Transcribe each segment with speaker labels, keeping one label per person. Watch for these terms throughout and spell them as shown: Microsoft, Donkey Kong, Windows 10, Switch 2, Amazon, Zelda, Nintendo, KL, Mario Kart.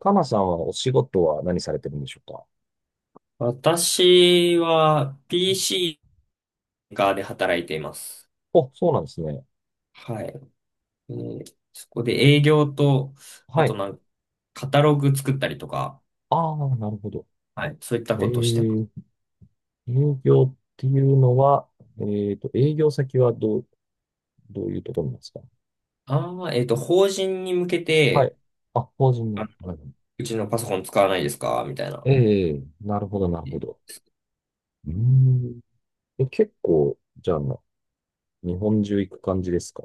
Speaker 1: かなさんはお仕事は何されてるんでしょうか？
Speaker 2: 私は PC 側ーカーで働いています。
Speaker 1: お、そうなんですね。
Speaker 2: はい。そこで営業と、あ
Speaker 1: は
Speaker 2: と
Speaker 1: い。
Speaker 2: なんか、カタログ作ったりとか。
Speaker 1: ああ、なるほど。
Speaker 2: はい、そういった
Speaker 1: え
Speaker 2: ことをしてます。
Speaker 1: ー、営業っていうのは、営業先はどう、どういうところなんですか？
Speaker 2: 法人に向け
Speaker 1: はい。
Speaker 2: て、
Speaker 1: あ、法人
Speaker 2: あ
Speaker 1: の。
Speaker 2: の
Speaker 1: はい。
Speaker 2: うちのパソコン使わないですかみたいな。
Speaker 1: ええ、なるほど、なるほど。うーん。え、結構、じゃあ、日本中行く感じですか？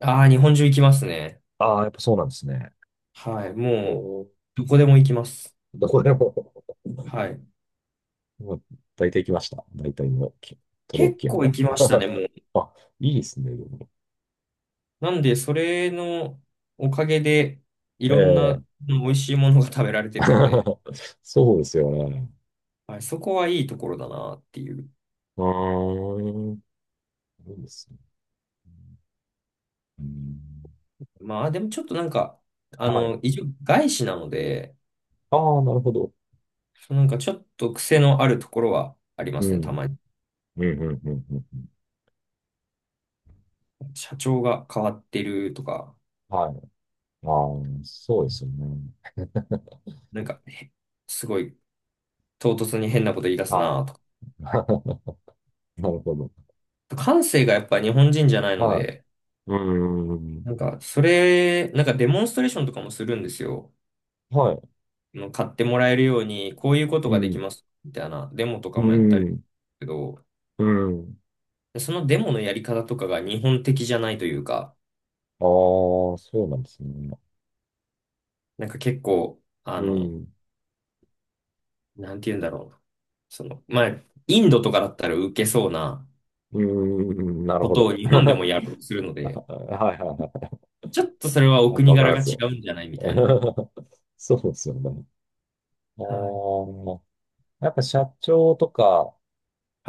Speaker 2: ああ、日本中行きますね。
Speaker 1: ああー、やっぱそうなんですね。
Speaker 2: はい、もう
Speaker 1: おー、
Speaker 2: どこでも行きます。
Speaker 1: どこでも、
Speaker 2: はい、
Speaker 1: もう大体行きました。大体の都道府
Speaker 2: 結
Speaker 1: 県
Speaker 2: 構
Speaker 1: は。
Speaker 2: 行きましたね。
Speaker 1: あ、いいですね。
Speaker 2: なんで、それのおかげで、い
Speaker 1: え
Speaker 2: ろんな
Speaker 1: え。
Speaker 2: うん美味しいものが食べられてるので、
Speaker 1: そうですよね。
Speaker 2: はい、そこはいいところだなっていう。
Speaker 1: うーん。そうですね。うん。
Speaker 2: まあ、でもちょっとなんか、あ
Speaker 1: はい。
Speaker 2: の、一応外資なので、
Speaker 1: ああ、なるほど。
Speaker 2: そうなんかちょっと癖のあるところはありま
Speaker 1: う
Speaker 2: すね、た
Speaker 1: ん。
Speaker 2: まに。
Speaker 1: うん、うん、うん、うんうん。
Speaker 2: 社長が変わってるとか、
Speaker 1: はい。ああ、そうですよね。
Speaker 2: なんか、へすごい唐突に変なこと言い出す
Speaker 1: は
Speaker 2: なとか。
Speaker 1: い。なるほど。
Speaker 2: 感性がやっぱ日本人じゃないの
Speaker 1: は
Speaker 2: で、
Speaker 1: い。うー
Speaker 2: な
Speaker 1: ん。
Speaker 2: んか、なんかデモンストレーションとかもするんですよ。
Speaker 1: はい。
Speaker 2: 買ってもらえるように、こういうこと
Speaker 1: う
Speaker 2: ができ
Speaker 1: ん。
Speaker 2: ます、みたいなデモと
Speaker 1: う
Speaker 2: かもやったりする
Speaker 1: ん。
Speaker 2: けど、
Speaker 1: うん。
Speaker 2: そのデモのやり方とかが日本的じゃないというか、
Speaker 1: ああ、そうなんですね。
Speaker 2: なんか結構、あ
Speaker 1: う
Speaker 2: の、
Speaker 1: ん。
Speaker 2: なんて言うんだろうな。その、まあ、インドとかだったら受けそうな
Speaker 1: うーん。なる
Speaker 2: こ
Speaker 1: ほ
Speaker 2: とを
Speaker 1: ど。
Speaker 2: 日本で
Speaker 1: は
Speaker 2: もやろうとするので、
Speaker 1: いはいは
Speaker 2: ちょっとそれは
Speaker 1: い。
Speaker 2: お
Speaker 1: なんか
Speaker 2: 国
Speaker 1: わかり
Speaker 2: 柄
Speaker 1: ま
Speaker 2: が
Speaker 1: す
Speaker 2: 違
Speaker 1: よ。
Speaker 2: うんじゃないみたいな。
Speaker 1: そうですよね。ああ、
Speaker 2: はい。
Speaker 1: やっぱ社長とか、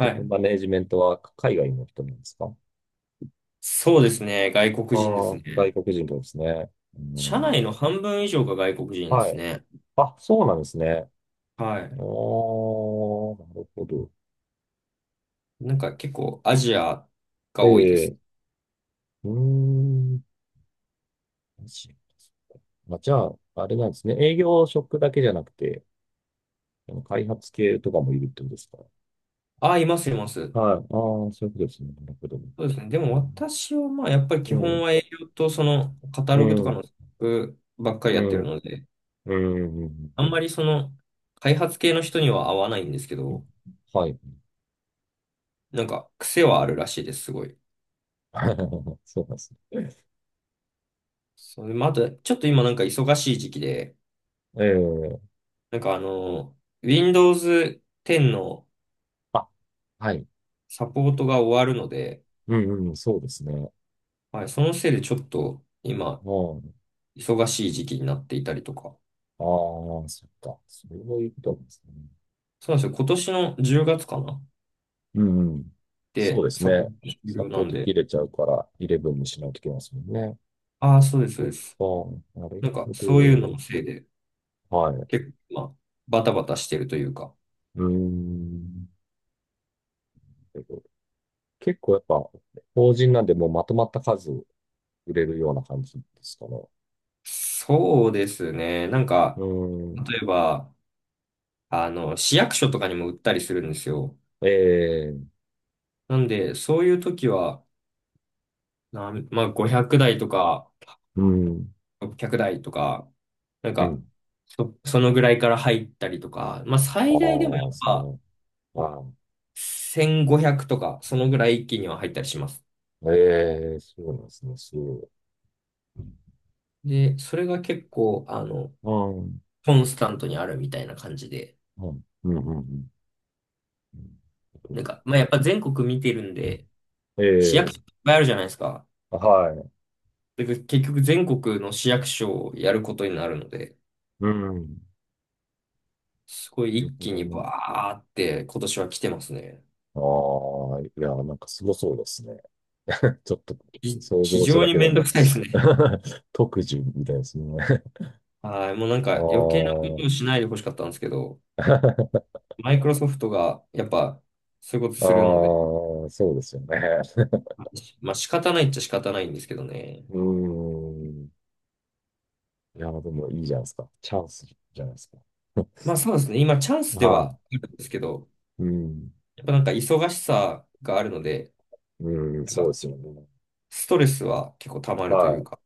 Speaker 1: トップ
Speaker 2: い、
Speaker 1: マネージメントは海外の人なんですか？
Speaker 2: そうですね。外
Speaker 1: あ
Speaker 2: 国
Speaker 1: あ、
Speaker 2: 人ですね。
Speaker 1: 外国人ですね。う
Speaker 2: 社
Speaker 1: ん、
Speaker 2: 内の半分以上が外国人で
Speaker 1: は
Speaker 2: す
Speaker 1: い。
Speaker 2: ね。
Speaker 1: あ、そうなんですね。
Speaker 2: は
Speaker 1: ああ、
Speaker 2: い。
Speaker 1: なるほど。
Speaker 2: なんか結構アジア
Speaker 1: え
Speaker 2: が多いです。
Speaker 1: え、うーん。まあ、じゃあ、あれなんですね。営業職だけじゃなくて、あの開発系とかもいるってことですか？
Speaker 2: あ、います、います。
Speaker 1: はい。ああ、そういうことですね。なるほど。う
Speaker 2: そうですね。でも私はまあやっぱり基
Speaker 1: ん。
Speaker 2: 本は営業とそのカタ
Speaker 1: う
Speaker 2: ログと
Speaker 1: ん。う
Speaker 2: か
Speaker 1: ん。
Speaker 2: の企画ばっかり
Speaker 1: う
Speaker 2: やって
Speaker 1: ん。
Speaker 2: るので、
Speaker 1: うん。うんう
Speaker 2: あん
Speaker 1: ん、
Speaker 2: まりその開発系の人には合わないんですけど、
Speaker 1: はい。
Speaker 2: なんか癖はあるらしいです、すごい。
Speaker 1: そうなんですね。
Speaker 2: そう、まあ、あとちょっと今なんか忙しい時期で、
Speaker 1: ええ、
Speaker 2: なんかあの、Windows 10の
Speaker 1: あ、はい。
Speaker 2: サポートが終わるので、
Speaker 1: うんうん、そうですね。
Speaker 2: はい、そのせいでちょっと今
Speaker 1: うん。
Speaker 2: 忙しい時期になっていたりとか。
Speaker 1: ああ、そっか。そういうことなんですね。
Speaker 2: そうなんですよ。今年の10月かな、
Speaker 1: うんうん。そう
Speaker 2: で、
Speaker 1: です
Speaker 2: サポー
Speaker 1: ね。
Speaker 2: ト終
Speaker 1: サ
Speaker 2: 了
Speaker 1: ポ
Speaker 2: な
Speaker 1: ー
Speaker 2: ん
Speaker 1: ト
Speaker 2: で。
Speaker 1: 切れちゃうから、イレブンにしないといけませんね。
Speaker 2: ああ、そうです、そ
Speaker 1: そ
Speaker 2: う
Speaker 1: っ
Speaker 2: です。
Speaker 1: か。なる
Speaker 2: なんか、
Speaker 1: ほ
Speaker 2: そういうの
Speaker 1: ど。
Speaker 2: のせいで、
Speaker 1: はい。
Speaker 2: 結構、まあ、バタバタしてるというか。
Speaker 1: うーん。結構やっぱ、法人なんでもうまとまった数売れるような感じですかね？
Speaker 2: そうですね。なん
Speaker 1: う
Speaker 2: か、
Speaker 1: ーん。
Speaker 2: 例えば、あの、市役所とかにも売ったりするんですよ。
Speaker 1: ええ、
Speaker 2: なんで、そういう時は、まあ、500台とか、
Speaker 1: うん。
Speaker 2: 600台とか、なん
Speaker 1: う
Speaker 2: か、
Speaker 1: ん。
Speaker 2: そのぐらいから入ったりとか、まあ、最大でもや
Speaker 1: ああ、で
Speaker 2: っ
Speaker 1: すね。
Speaker 2: ぱ
Speaker 1: はい、
Speaker 2: 1500とか、そのぐらい一気には入ったりします。
Speaker 1: ええ、そうなんですね。そう。
Speaker 2: で、それが結構、あの、
Speaker 1: うん。
Speaker 2: コンスタントにあるみたいな感じで、
Speaker 1: うん。うん。うん。う
Speaker 2: なん
Speaker 1: ん、
Speaker 2: か、まあ、やっぱ全国見てるんで、
Speaker 1: え
Speaker 2: 市役所いっ
Speaker 1: え、
Speaker 2: ぱいあるじゃないですか。
Speaker 1: はい。
Speaker 2: で、結局全国の市役所をやることになるので、
Speaker 1: うん。
Speaker 2: すごい
Speaker 1: なる
Speaker 2: 一
Speaker 1: ほ
Speaker 2: 気
Speaker 1: ど
Speaker 2: に
Speaker 1: な。
Speaker 2: バーって今年は来てますね。
Speaker 1: ああ、いや、なんかすごそうですね。ちょっと想
Speaker 2: 非
Speaker 1: 像した
Speaker 2: 常
Speaker 1: だ
Speaker 2: に
Speaker 1: けで
Speaker 2: めんど
Speaker 1: も、
Speaker 2: くさいですね。
Speaker 1: 特需みたいですね。
Speaker 2: はい、もうなん
Speaker 1: あ
Speaker 2: か余計なこ
Speaker 1: あ、
Speaker 2: とをしないでほしかったんですけど、マイクロソフトがやっぱそういうこと
Speaker 1: ああ、
Speaker 2: するので、
Speaker 1: そうですよね。
Speaker 2: まあ仕方ないっちゃ仕方ないんですけどね。
Speaker 1: うん。いや、でもいいじゃないですか。チャンスじゃないですか。
Speaker 2: まあそうですね、今チャンスで
Speaker 1: は
Speaker 2: はあるんですけど、
Speaker 1: い。うん。
Speaker 2: やっぱなんか忙しさがあるので、
Speaker 1: うん、
Speaker 2: なん
Speaker 1: そうで
Speaker 2: か
Speaker 1: すよね。
Speaker 2: ストレスは結構溜まると
Speaker 1: は
Speaker 2: いう
Speaker 1: い。
Speaker 2: か。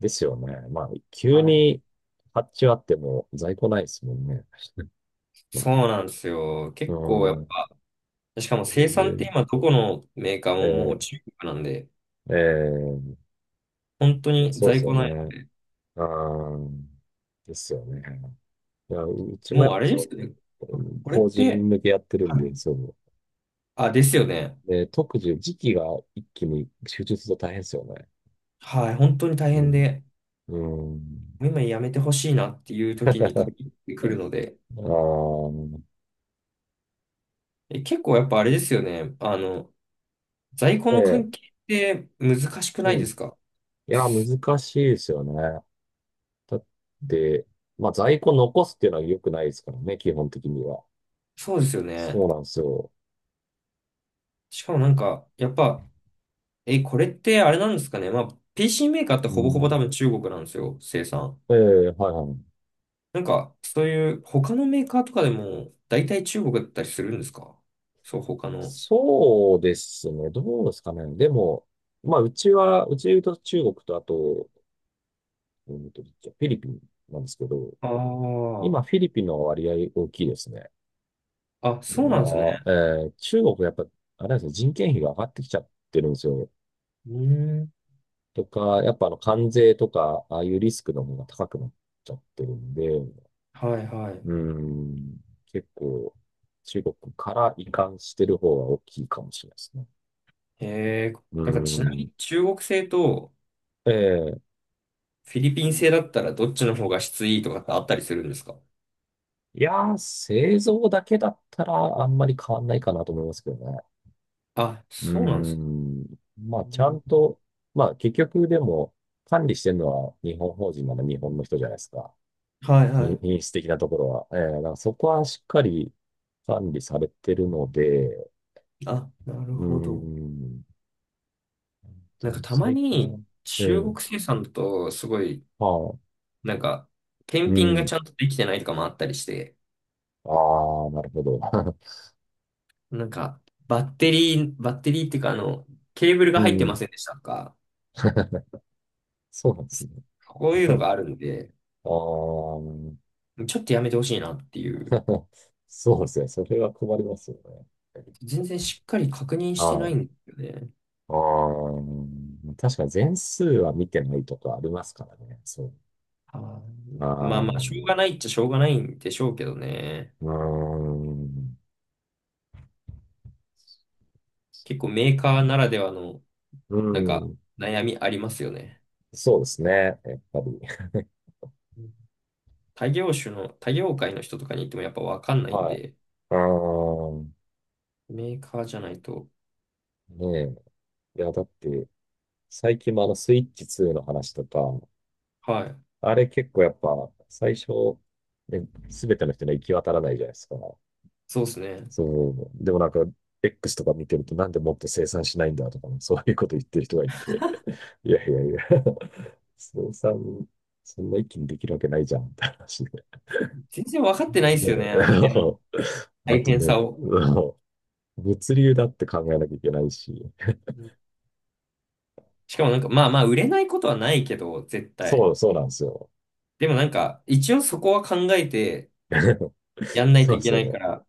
Speaker 1: ですよね。まあ、急
Speaker 2: はい。
Speaker 1: に発注あっても在庫ないですもんね。うん。
Speaker 2: そうなんですよ。結構やっぱ、しかも
Speaker 1: こ
Speaker 2: 生
Speaker 1: うい
Speaker 2: 産って
Speaker 1: う、
Speaker 2: 今どこのメーカーももう
Speaker 1: え
Speaker 2: 中国なんで、
Speaker 1: ー、えー
Speaker 2: 本当
Speaker 1: まあ
Speaker 2: に
Speaker 1: そうです
Speaker 2: 在庫
Speaker 1: よ
Speaker 2: ない。
Speaker 1: ね。あー、ですよね。いや、うちもや
Speaker 2: もうあ
Speaker 1: っぱ
Speaker 2: れで
Speaker 1: そ
Speaker 2: すよ
Speaker 1: う、
Speaker 2: ね、これっ
Speaker 1: 法
Speaker 2: て。
Speaker 1: 人向けやってるん
Speaker 2: は
Speaker 1: で、
Speaker 2: い。
Speaker 1: そう。
Speaker 2: あ、ですよね。
Speaker 1: で、特需、時期が一気に集中すると大変ですよね。
Speaker 2: はい、本当に大
Speaker 1: う
Speaker 2: 変
Speaker 1: ん。
Speaker 2: で、
Speaker 1: うん。
Speaker 2: もう今やめてほしいなっていう 時に
Speaker 1: あ
Speaker 2: 限ってくるので、
Speaker 1: あ、
Speaker 2: え、結構やっぱあれですよね。あの、在庫
Speaker 1: え
Speaker 2: の
Speaker 1: え、
Speaker 2: 関係って難しくな
Speaker 1: う
Speaker 2: いで
Speaker 1: ん。い
Speaker 2: すか？
Speaker 1: や、難しいですよね。だって、まあ在庫残すっていうのは良くないですからね、基本的には。
Speaker 2: そうですよ
Speaker 1: そ
Speaker 2: ね。
Speaker 1: うなんですよ。
Speaker 2: しかもなんか、やっぱ、え、これってあれなんですかね。まあ、PC メーカーって
Speaker 1: う
Speaker 2: ほぼほぼ多
Speaker 1: ん。
Speaker 2: 分中国なんですよ、生産。
Speaker 1: ええ、はいはい。
Speaker 2: なんか、そういう他のメーカーとかでも大体中国だったりするんですか？そう、他の。
Speaker 1: そうですね。どうですかね。でも、まあうちは、うちで言うと中国とあと、フィリピンなんですけど、今
Speaker 2: あ
Speaker 1: フィリピンの割合大きいですね。
Speaker 2: あ、あ、
Speaker 1: ま
Speaker 2: そうなんですね。
Speaker 1: あ、中国やっぱ、あれなんですね、人件費が上がってきちゃってるんですよ。
Speaker 2: うーん。
Speaker 1: とか、やっぱあの関税とか、ああいうリスクの方が高くなっちゃってるんで、
Speaker 2: はいはい。
Speaker 1: うん。結構、中国から移管してる方は大きいかもしれないですね。
Speaker 2: へえー、
Speaker 1: う
Speaker 2: なんかちなみ
Speaker 1: ん。
Speaker 2: に中国製と
Speaker 1: ええ。
Speaker 2: フィリピン製だったらどっちの方が質いいとかってあったりするんですか？
Speaker 1: いやー、製造だけだったらあんまり変わんないかなと思いますけどね。
Speaker 2: あ、
Speaker 1: う
Speaker 2: そうなんです。
Speaker 1: ん。
Speaker 2: う
Speaker 1: まあ、ちゃん
Speaker 2: ん。
Speaker 1: と、まあ、結局でも、管理してるのは日本法人なら日本の人じゃないですか。
Speaker 2: はいは
Speaker 1: 品、
Speaker 2: い。
Speaker 1: 品質的なところは。ええ、だからそこはしっかり管理されてるので、
Speaker 2: あ、なる
Speaker 1: う
Speaker 2: ほど。
Speaker 1: ん。
Speaker 2: なんかたま
Speaker 1: 最近は、
Speaker 2: に
Speaker 1: え
Speaker 2: 中
Speaker 1: え、
Speaker 2: 国生産だとすごい
Speaker 1: まあ、
Speaker 2: なんか、
Speaker 1: う
Speaker 2: 検品がち
Speaker 1: ん。
Speaker 2: ゃんとできてないとかもあったりして、
Speaker 1: ああ、なるほど。
Speaker 2: なんか、バッテリーっていうか、あの、ケーブル
Speaker 1: う
Speaker 2: が入ってま
Speaker 1: ん。
Speaker 2: せんでしたとか、
Speaker 1: そうなんですね。
Speaker 2: こう いうの
Speaker 1: あ
Speaker 2: があるんで、
Speaker 1: あ、
Speaker 2: ちょっとやめてほしいなっていう。
Speaker 1: そうですね。それは困りますよね。
Speaker 2: 全然しっかり確認して
Speaker 1: あ
Speaker 2: ない
Speaker 1: あ、
Speaker 2: んですよね。
Speaker 1: ああ、確かに全数は見てないとかありますからね。そう。
Speaker 2: は
Speaker 1: あ
Speaker 2: い、
Speaker 1: あ、
Speaker 2: まあま
Speaker 1: う
Speaker 2: あ、しょうがないっちゃしょうがないんでしょうけどね。
Speaker 1: ーん。
Speaker 2: 結構メーカーならではの、
Speaker 1: う
Speaker 2: なんか、
Speaker 1: ん。
Speaker 2: 悩みありますよね。
Speaker 1: そうですね。やっぱり。
Speaker 2: 他業種の、他業界の人とかに行ってもやっぱわかんないん
Speaker 1: はい。
Speaker 2: で、
Speaker 1: ああ、
Speaker 2: メーカーじゃないと。
Speaker 1: ねえ。いや、だって、最近もあの、スイッチ2の話とか、
Speaker 2: はい、
Speaker 1: あれ結構やっぱ、最初、ね、すべての人には行き渡らないじゃないですか。
Speaker 2: そうですね。
Speaker 1: そう。でもなんか、X とか見てると、なんでもっと生産しないんだとか、そういうこと言ってる人がいて、いやいやいや、生産、そんな一気にできるわけないじゃん、って話で。
Speaker 2: 全然分かってないですよ
Speaker 1: ね、
Speaker 2: ね、あの辺 の
Speaker 1: あ
Speaker 2: 大
Speaker 1: と
Speaker 2: 変
Speaker 1: ね、
Speaker 2: さを。
Speaker 1: 物流だって考えなきゃいけないし、
Speaker 2: うん、しかもなんか、まあまあ、売れないことはないけど、絶
Speaker 1: そ
Speaker 2: 対。
Speaker 1: う、そうなんですよ。
Speaker 2: でもなんか、一応そこは考えて やんない
Speaker 1: そ
Speaker 2: と
Speaker 1: う
Speaker 2: い
Speaker 1: で
Speaker 2: け
Speaker 1: すよ
Speaker 2: ないか
Speaker 1: ね。
Speaker 2: ら、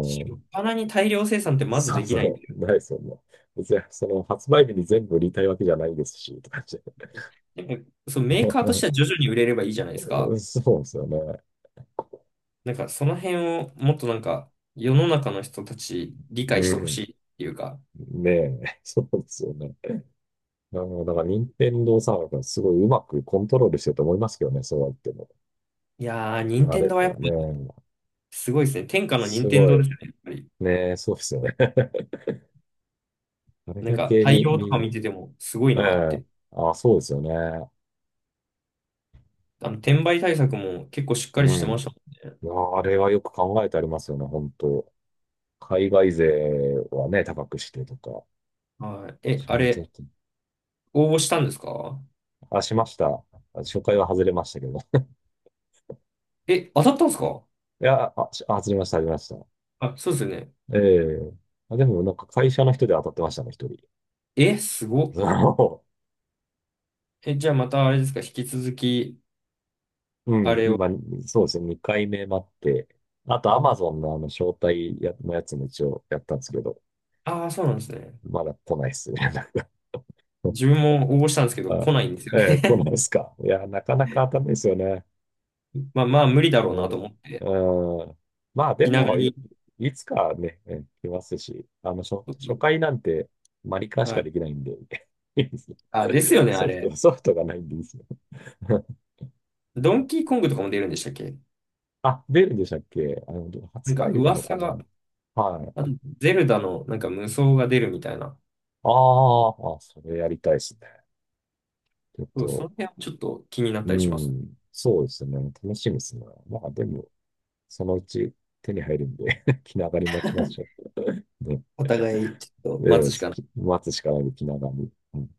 Speaker 2: しょっ
Speaker 1: ん。
Speaker 2: ぱなに大量生産ってまず
Speaker 1: そ
Speaker 2: で
Speaker 1: う
Speaker 2: きないんだ
Speaker 1: そ
Speaker 2: よ。
Speaker 1: う、ない、そんな。別に、その、発売日に全部売りたいわけじゃないですし、とかって。
Speaker 2: なんか、そのメーカーとしては 徐々に売れればいいじゃないですか。
Speaker 1: そうですよね。
Speaker 2: なんか、その辺をもっとなんか、世の中の人たち理
Speaker 1: う
Speaker 2: 解してほし
Speaker 1: ん。
Speaker 2: いっていうか。
Speaker 1: ねえ、そうですよね。あの、だから、任天堂さんがすごいうまくコントロールしてると思いますけどね、そうは言っても。
Speaker 2: いやー、任
Speaker 1: あ
Speaker 2: 天
Speaker 1: れ、
Speaker 2: 堂はやっぱ
Speaker 1: ね
Speaker 2: り
Speaker 1: え、
Speaker 2: すごいですね。天下の
Speaker 1: す
Speaker 2: 任天
Speaker 1: ご
Speaker 2: 堂
Speaker 1: い、
Speaker 2: ですよね、やっぱり。
Speaker 1: ねえ、そうですよね。あれ
Speaker 2: なん
Speaker 1: だ
Speaker 2: か、
Speaker 1: けに
Speaker 2: 対応とか
Speaker 1: に、
Speaker 2: 見ててもすごい
Speaker 1: え
Speaker 2: なっ
Speaker 1: え、
Speaker 2: て。
Speaker 1: あ、そうですよね。
Speaker 2: あの、転売対策も結構しっかり
Speaker 1: う
Speaker 2: してま
Speaker 1: ん。
Speaker 2: したも
Speaker 1: いや、あれはよく考えてありますよね、本当。海外勢はね、高くしてとか。
Speaker 2: んね。はい。え、
Speaker 1: ちゃ
Speaker 2: あ
Speaker 1: んとやっ
Speaker 2: れ、
Speaker 1: てる。
Speaker 2: 応募したんですか？
Speaker 1: あ、しました。初回は外れましたけど。
Speaker 2: え、当たったんですか？
Speaker 1: いや、あ、外れました、外れました。
Speaker 2: あ、そうですよね。
Speaker 1: ええ、あ、でもなんか会社の人で当たってましたね、一人。
Speaker 2: え、すご っ。
Speaker 1: そ
Speaker 2: え、じゃあまたあれですか、引き続き
Speaker 1: う。
Speaker 2: あ
Speaker 1: うん、
Speaker 2: れを。
Speaker 1: 今、そうですね、2回目待って。あと、アマ
Speaker 2: あ
Speaker 1: ゾンのあの、招待のやつも一応やったんですけど、
Speaker 2: あー、そうなんですね。
Speaker 1: まだ来ないっすね。
Speaker 2: 自分も応募したんですけど、
Speaker 1: あ、
Speaker 2: 来ないんですよ
Speaker 1: ええ、来
Speaker 2: ね。
Speaker 1: ないっすか。いや、なかなか当たんないですよね。
Speaker 2: まあまあ、無理だろうなと思って、
Speaker 1: うん。まあで
Speaker 2: 気長
Speaker 1: も、い、
Speaker 2: に。
Speaker 1: いつかね、来ますし、あの、初、初回なんてマリカーし
Speaker 2: は
Speaker 1: かでき
Speaker 2: い。
Speaker 1: ないんで、いいですね。
Speaker 2: あ、ですよね、あ
Speaker 1: ソフ
Speaker 2: れ。
Speaker 1: ト、ソフトがないんでいいですよ。
Speaker 2: ドンキーコングとかも出るんでしたっけ？
Speaker 1: あ、出るんでしたっけ？あの、
Speaker 2: なん
Speaker 1: 発
Speaker 2: か
Speaker 1: 売日なのか
Speaker 2: 噂
Speaker 1: な？
Speaker 2: が、
Speaker 1: はい。
Speaker 2: あとゼルダのなんか無双が出るみたいな。
Speaker 1: あー、あ、それやりたいですね。ちょっ
Speaker 2: そう、そ
Speaker 1: と、
Speaker 2: の辺はちょっと気になった
Speaker 1: う
Speaker 2: りします。
Speaker 1: ん、そうですね。楽しみですね。まあでも、そのうち手に入るんで、 気長に待ちましょう。ね
Speaker 2: お互い、ちょっと待
Speaker 1: え、え、
Speaker 2: つしか
Speaker 1: 待つしかないで、気長に。うん